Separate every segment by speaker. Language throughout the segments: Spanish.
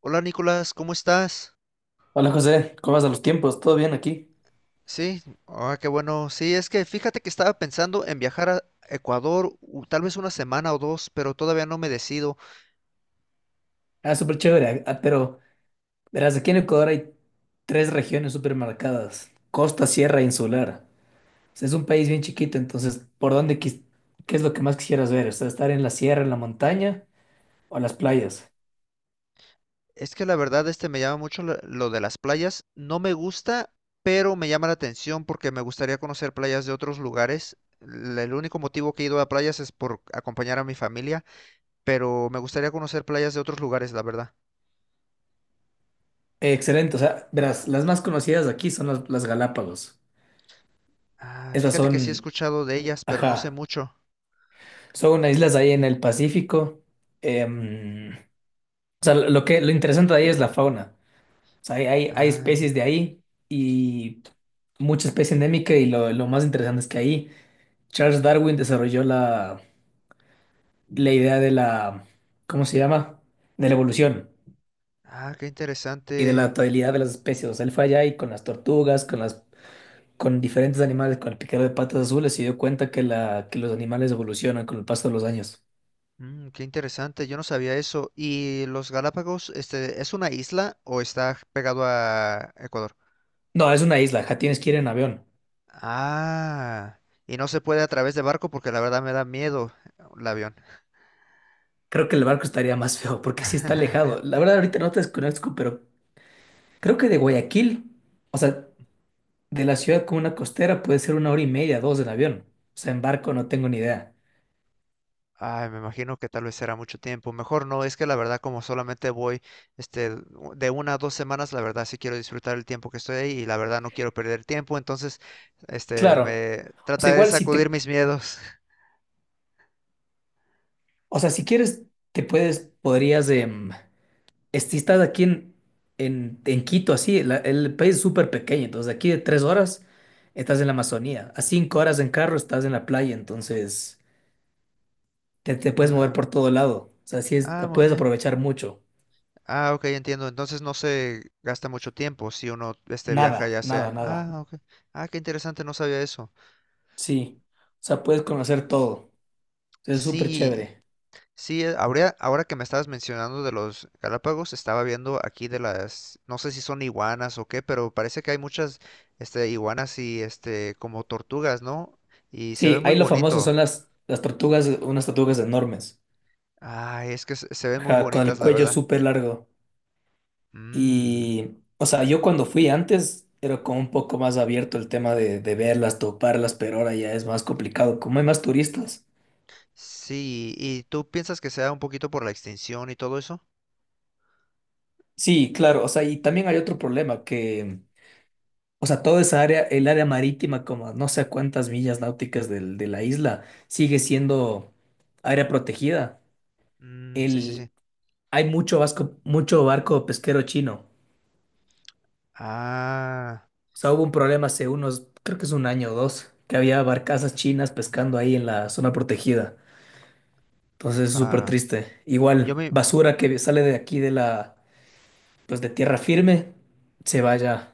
Speaker 1: Hola Nicolás, ¿cómo estás?
Speaker 2: Hola José, ¿cómo vas a los tiempos? ¿Todo bien aquí?
Speaker 1: Sí, qué bueno. Sí, es que fíjate que estaba pensando en viajar a Ecuador tal vez una semana o dos, pero todavía no me decido.
Speaker 2: Ah, súper chévere, pero verás, aquí en Ecuador hay tres regiones súper marcadas: costa, sierra e insular. O sea, es un país bien chiquito, entonces, ¿qué es lo que más quisieras ver? O sea, estar en la sierra, en la montaña o en las playas.
Speaker 1: Es que la verdad me llama mucho lo de las playas. No me gusta, pero me llama la atención porque me gustaría conocer playas de otros lugares. El único motivo que he ido a playas es por acompañar a mi familia, pero me gustaría conocer playas de otros lugares, la verdad.
Speaker 2: Excelente, o sea, verás, las más conocidas aquí son las Galápagos.
Speaker 1: Ah,
Speaker 2: Estas
Speaker 1: fíjate que sí he
Speaker 2: son,
Speaker 1: escuchado de ellas, pero no sé
Speaker 2: ajá,
Speaker 1: mucho.
Speaker 2: son unas islas ahí en el Pacífico. Em, o sea, lo interesante de ahí es la fauna. O sea, hay especies de
Speaker 1: Ah,
Speaker 2: ahí y mucha especie endémica, y lo más interesante es que ahí Charles Darwin desarrolló la idea de la, ¿cómo se llama? De la evolución
Speaker 1: ah, qué
Speaker 2: y de la
Speaker 1: interesante.
Speaker 2: adaptabilidad de las especies. O sea, él fue allá y con las tortugas, con diferentes animales, con el piquero de patas azules, se dio cuenta que los animales evolucionan con el paso de los años.
Speaker 1: Qué interesante, yo no sabía eso. ¿Y los Galápagos, es una isla o está pegado a Ecuador?
Speaker 2: No, es una isla, ja, tienes que ir en avión.
Speaker 1: Ah, y no se puede a través de barco porque la verdad me da miedo el avión.
Speaker 2: Creo que el barco estaría más feo porque sí está alejado. La verdad ahorita no te desconozco, pero creo que de Guayaquil, o sea... De la ciudad como una costera puede ser una hora y media, dos en avión. O sea, en barco no tengo ni idea.
Speaker 1: Ay, me imagino que tal vez será mucho tiempo. Mejor no, es que la verdad como solamente voy de una a dos semanas, la verdad sí quiero disfrutar el tiempo que estoy ahí y la verdad no quiero perder tiempo, entonces
Speaker 2: Claro.
Speaker 1: me
Speaker 2: O sea,
Speaker 1: trataré de
Speaker 2: igual si
Speaker 1: sacudir
Speaker 2: te,
Speaker 1: mis miedos.
Speaker 2: o sea, si quieres, podrías, si estás aquí en Quito, así, el país es súper pequeño, entonces de aquí de tres horas estás en la Amazonía, a cinco horas en carro estás en la playa, entonces te puedes
Speaker 1: Ah,
Speaker 2: mover
Speaker 1: ok.
Speaker 2: por todo lado. O sea, sí es,
Speaker 1: Ah, muy
Speaker 2: puedes
Speaker 1: bien.
Speaker 2: aprovechar mucho.
Speaker 1: Ah, ok, entiendo. Entonces no se gasta mucho tiempo si uno viaja
Speaker 2: Nada,
Speaker 1: ya
Speaker 2: nada,
Speaker 1: sea.
Speaker 2: nada.
Speaker 1: Ah, ok. Ah, qué interesante, no sabía eso.
Speaker 2: Sí. O sea, puedes conocer todo. Es súper
Speaker 1: Sí,
Speaker 2: chévere.
Speaker 1: sí, ahora que me estabas mencionando de los Galápagos, estaba viendo aquí de las, no sé si son iguanas o qué, pero parece que hay muchas iguanas y como tortugas, ¿no? Y se ve
Speaker 2: Sí,
Speaker 1: muy
Speaker 2: ahí lo famoso
Speaker 1: bonito.
Speaker 2: son las tortugas, unas tortugas enormes,
Speaker 1: Ay, es que se ven muy
Speaker 2: ajá, con
Speaker 1: bonitas,
Speaker 2: el
Speaker 1: la
Speaker 2: cuello
Speaker 1: verdad.
Speaker 2: súper largo.
Speaker 1: Mmm.
Speaker 2: Y, o sea, yo cuando fui antes era como un poco más abierto el tema de verlas, toparlas, pero ahora ya es más complicado, como hay más turistas.
Speaker 1: Sí, ¿y tú piensas que sea un poquito por la extinción y todo eso?
Speaker 2: Sí, claro, o sea, y también hay otro problema o sea, toda esa área, el área marítima, como a no sé a cuántas millas náuticas de la isla, sigue siendo área protegida.
Speaker 1: Mmm, sí, sí, sí.
Speaker 2: El, Hay mucho vasco, mucho barco pesquero chino.
Speaker 1: Ah,
Speaker 2: O sea, hubo un problema hace unos, creo que es un año o dos, que había barcazas chinas pescando ahí en la zona protegida. Entonces es súper
Speaker 1: ah,
Speaker 2: triste.
Speaker 1: yo
Speaker 2: Igual,
Speaker 1: me...
Speaker 2: basura que sale de aquí pues de tierra firme, se vaya.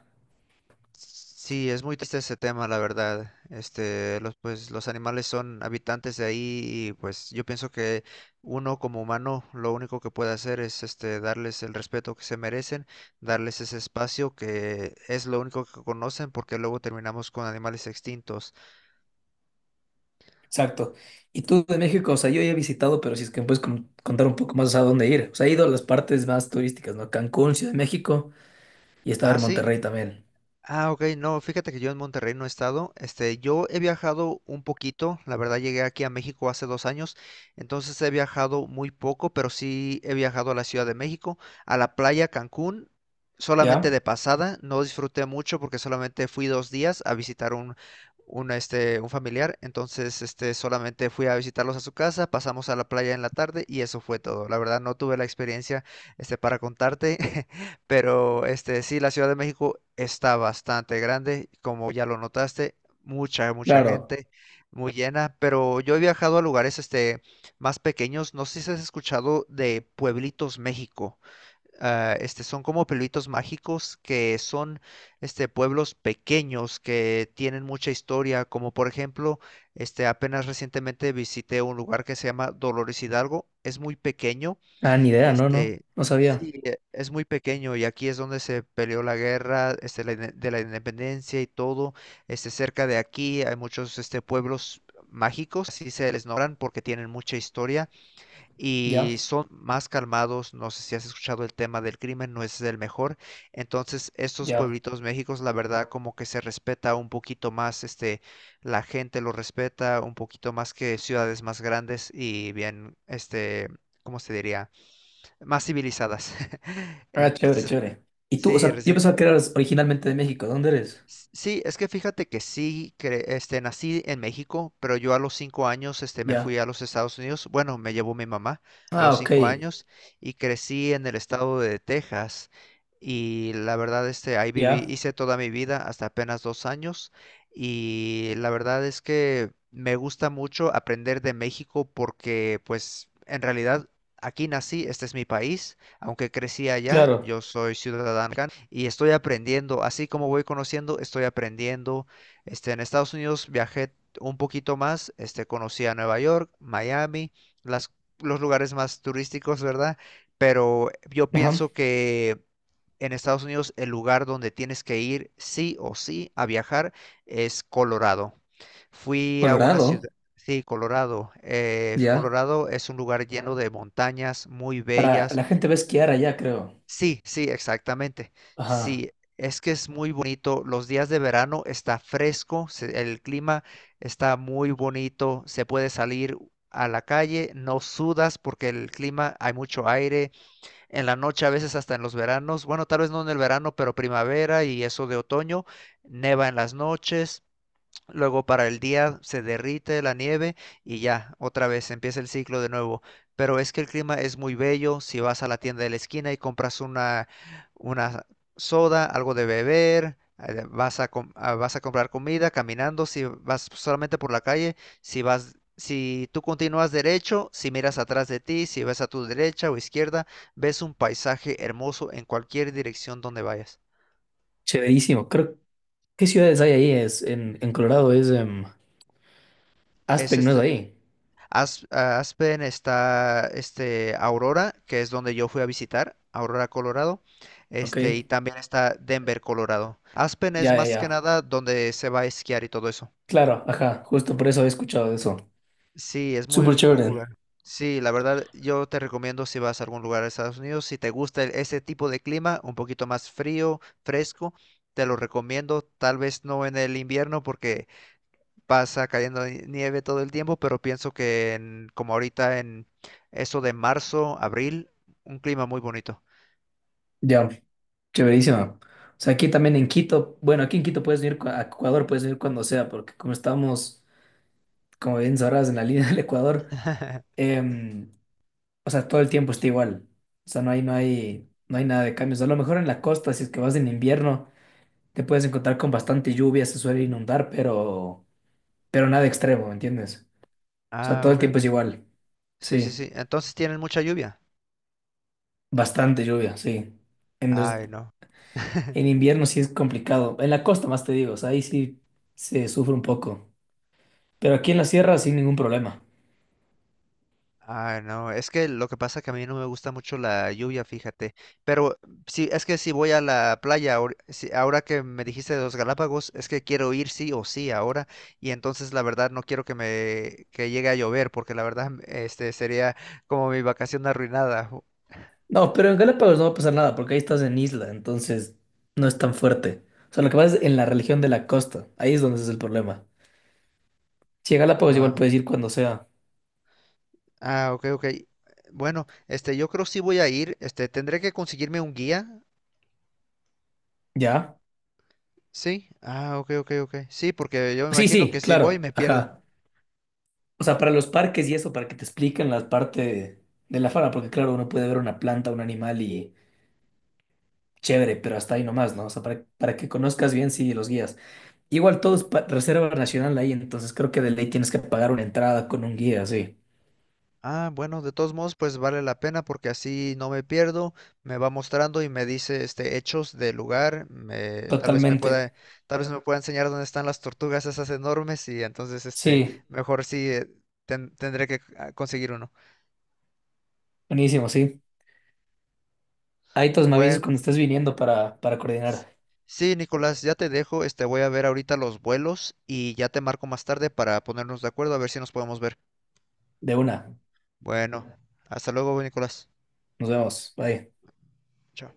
Speaker 1: Sí, es muy triste ese tema, la verdad. Los, pues, los animales son habitantes de ahí y pues yo pienso que uno como humano lo único que puede hacer es darles el respeto que se merecen, darles ese espacio que es lo único que conocen porque luego terminamos con animales extintos.
Speaker 2: Exacto. Y tú de México, o sea, yo ya he visitado, pero si es que me puedes contar un poco más a dónde ir. O sea, he ido a las partes más turísticas, ¿no? Cancún, Ciudad de México y estaba
Speaker 1: Ah,
Speaker 2: en
Speaker 1: sí.
Speaker 2: Monterrey también.
Speaker 1: Ah, ok, no, fíjate que yo en Monterrey no he estado. Yo he viajado un poquito, la verdad llegué aquí a México hace 2 años, entonces he viajado muy poco, pero sí he viajado a la Ciudad de México, a la playa Cancún, solamente
Speaker 2: ¿Ya?
Speaker 1: de pasada, no disfruté mucho porque solamente fui 2 días a visitar un, un familiar, entonces solamente fui a visitarlos a su casa, pasamos a la playa en la tarde y eso fue todo. La verdad no tuve la experiencia para contarte. Pero sí, la Ciudad de México está bastante grande, como ya lo notaste, mucha, mucha
Speaker 2: Claro.
Speaker 1: gente, muy llena, pero yo he viajado a lugares más pequeños, no sé si has escuchado de Pueblitos México. Ah, son como pueblitos mágicos que son pueblos pequeños que tienen mucha historia, como por ejemplo, apenas recientemente visité un lugar que se llama Dolores Hidalgo, es muy pequeño,
Speaker 2: Ah, ni idea, no, no,
Speaker 1: este,
Speaker 2: no sabía.
Speaker 1: sí, es muy pequeño y aquí es donde se peleó la guerra, la de la Independencia y todo. Cerca de aquí hay muchos, pueblos mágicos, así se les nombran porque tienen mucha historia y
Speaker 2: Ya,
Speaker 1: son más calmados. No sé si has escuchado el tema del crimen, no es el mejor. Entonces, estos
Speaker 2: ya.
Speaker 1: pueblitos méxicos, la verdad, como que se respeta un poquito más, la gente lo respeta un poquito más que ciudades más grandes y bien, ¿cómo se diría? Más civilizadas.
Speaker 2: Ah, chévere,
Speaker 1: Entonces,
Speaker 2: chévere. Y tú, o
Speaker 1: sí,
Speaker 2: sea, yo
Speaker 1: recién.
Speaker 2: pensaba que eras originalmente de México. ¿Dónde eres?
Speaker 1: Sí, es que fíjate que sí, nací en México, pero yo a los 5 años, me fui
Speaker 2: Ya.
Speaker 1: a los Estados Unidos. Bueno, me llevó mi mamá a
Speaker 2: Ah,
Speaker 1: los
Speaker 2: ok.
Speaker 1: 5 años y crecí en el estado de Texas. Y la verdad, ahí viví,
Speaker 2: Ya,
Speaker 1: hice toda mi vida hasta apenas 2 años. Y la verdad es que me gusta mucho aprender de México porque, pues, en realidad aquí nací, este es mi país, aunque crecí allá,
Speaker 2: claro.
Speaker 1: yo soy ciudadano y estoy aprendiendo. Así como voy conociendo, estoy aprendiendo. En Estados Unidos viajé un poquito más, conocí a Nueva York, Miami, las, los lugares más turísticos, ¿verdad? Pero yo
Speaker 2: Ajá.
Speaker 1: pienso que en Estados Unidos el lugar donde tienes que ir sí o sí a viajar es Colorado. Fui a una
Speaker 2: Colorado,
Speaker 1: ciudad, sí, Colorado.
Speaker 2: ya.
Speaker 1: Colorado es un lugar lleno de montañas muy
Speaker 2: Para
Speaker 1: bellas.
Speaker 2: la gente va a esquiar allá, creo.
Speaker 1: Sí, sí, exactamente.
Speaker 2: Ajá.
Speaker 1: Sí, es que es muy bonito. Los días de verano está fresco, el clima está muy bonito, se puede salir a la calle, no sudas porque el clima hay mucho aire. En la noche a veces hasta en los veranos, bueno, tal vez no en el verano, pero primavera y eso de otoño, neva en las noches. Luego para el día se derrite la nieve y ya, otra vez empieza el ciclo de nuevo. Pero es que el clima es muy bello. Si vas a la tienda de la esquina y compras una, una soda, algo de beber, vas a comprar comida caminando, si vas solamente por la calle, si tú continúas derecho, si miras atrás de ti, si ves a tu derecha o izquierda, ves un paisaje hermoso en cualquier dirección donde vayas.
Speaker 2: Chéverísimo. Creo, ¿qué ciudades hay ahí? Es en Colorado es
Speaker 1: Es
Speaker 2: Aspen, ¿no es ahí?
Speaker 1: A Aspen está, Aurora, que es donde yo fui a visitar, Aurora, Colorado, y
Speaker 2: Ok.
Speaker 1: también está Denver, Colorado. Aspen es más que
Speaker 2: Ya.
Speaker 1: nada donde se va a esquiar y todo eso.
Speaker 2: Claro, ajá. Justo por eso he escuchado de eso.
Speaker 1: Sí, es muy
Speaker 2: Súper chévere.
Speaker 1: popular. Sí, la verdad, yo te recomiendo si vas a algún lugar de Estados Unidos, si te gusta ese tipo de clima, un poquito más frío, fresco, te lo recomiendo. Tal vez no en el invierno porque pasa cayendo nieve todo el tiempo, pero pienso que como ahorita en eso de marzo, abril, un clima muy bonito.
Speaker 2: Ya, chéverísimo. O sea, aquí también en Quito, bueno, aquí en Quito puedes venir a Ecuador, puedes venir cuando sea, porque como estamos, como bien sabrás, en la línea del Ecuador, em, o sea, todo el tiempo está igual. O sea, no hay nada de cambios. A lo mejor en la costa, si es que vas en invierno, te puedes encontrar con bastante lluvia, se suele inundar, pero nada extremo, ¿me entiendes? O sea,
Speaker 1: Ah,
Speaker 2: todo el
Speaker 1: ok,
Speaker 2: tiempo es
Speaker 1: ok.
Speaker 2: igual.
Speaker 1: Sí, sí,
Speaker 2: Sí,
Speaker 1: sí. Entonces tienen mucha lluvia.
Speaker 2: bastante lluvia, sí. En, los-
Speaker 1: Ay, no.
Speaker 2: en invierno sí es complicado. En la costa más te digo, o sea, ahí sí se sufre un poco. Pero aquí en la sierra sin ningún problema.
Speaker 1: Ay, no, es que lo que pasa que a mí no me gusta mucho la lluvia, fíjate. Pero sí, es que si voy a la playa, ahora que me dijiste de los Galápagos, es que quiero ir sí o sí ahora. Y entonces la verdad no quiero que me que llegue a llover, porque la verdad sería como mi vacación arruinada.
Speaker 2: No, pero en Galápagos no va a pasar nada porque ahí estás en isla, entonces no es tan fuerte. O sea, lo que pasa es en la religión de la costa, ahí es donde es el problema. Si a Galápagos igual
Speaker 1: Wow.
Speaker 2: puedes ir cuando sea.
Speaker 1: Ah, ok, ok. Bueno, yo creo sí voy a ir. Tendré que conseguirme un guía.
Speaker 2: ¿Ya?
Speaker 1: Sí. Ah, ok, ok, ok. Sí, porque yo me
Speaker 2: Sí,
Speaker 1: imagino que
Speaker 2: sí,
Speaker 1: si voy
Speaker 2: claro,
Speaker 1: me pierdo.
Speaker 2: ajá. O sea, para los parques y eso, para que te expliquen la parte de la fauna, porque claro, uno puede ver una planta, un animal y chévere, pero hasta ahí nomás, ¿no? O sea, para que conozcas bien, sí, los guías. Igual todo es reserva nacional ahí, entonces creo que de ley tienes que pagar una entrada con un guía, sí.
Speaker 1: Ah, bueno, de todos modos, pues vale la pena porque así no me pierdo. Me va mostrando y me dice, hechos del lugar.
Speaker 2: Totalmente.
Speaker 1: Tal vez me pueda enseñar dónde están las tortugas esas enormes y entonces,
Speaker 2: Sí,
Speaker 1: mejor sí, tendré que conseguir uno.
Speaker 2: buenísimo, sí. Ahí todos me avisas
Speaker 1: Bueno.
Speaker 2: cuando estés viniendo para coordinar.
Speaker 1: Sí, Nicolás, ya te dejo. Voy a ver ahorita los vuelos y ya te marco más tarde para ponernos de acuerdo a ver si nos podemos ver.
Speaker 2: De una.
Speaker 1: Bueno, hasta luego, Nicolás.
Speaker 2: Nos vemos. Bye.
Speaker 1: Chao.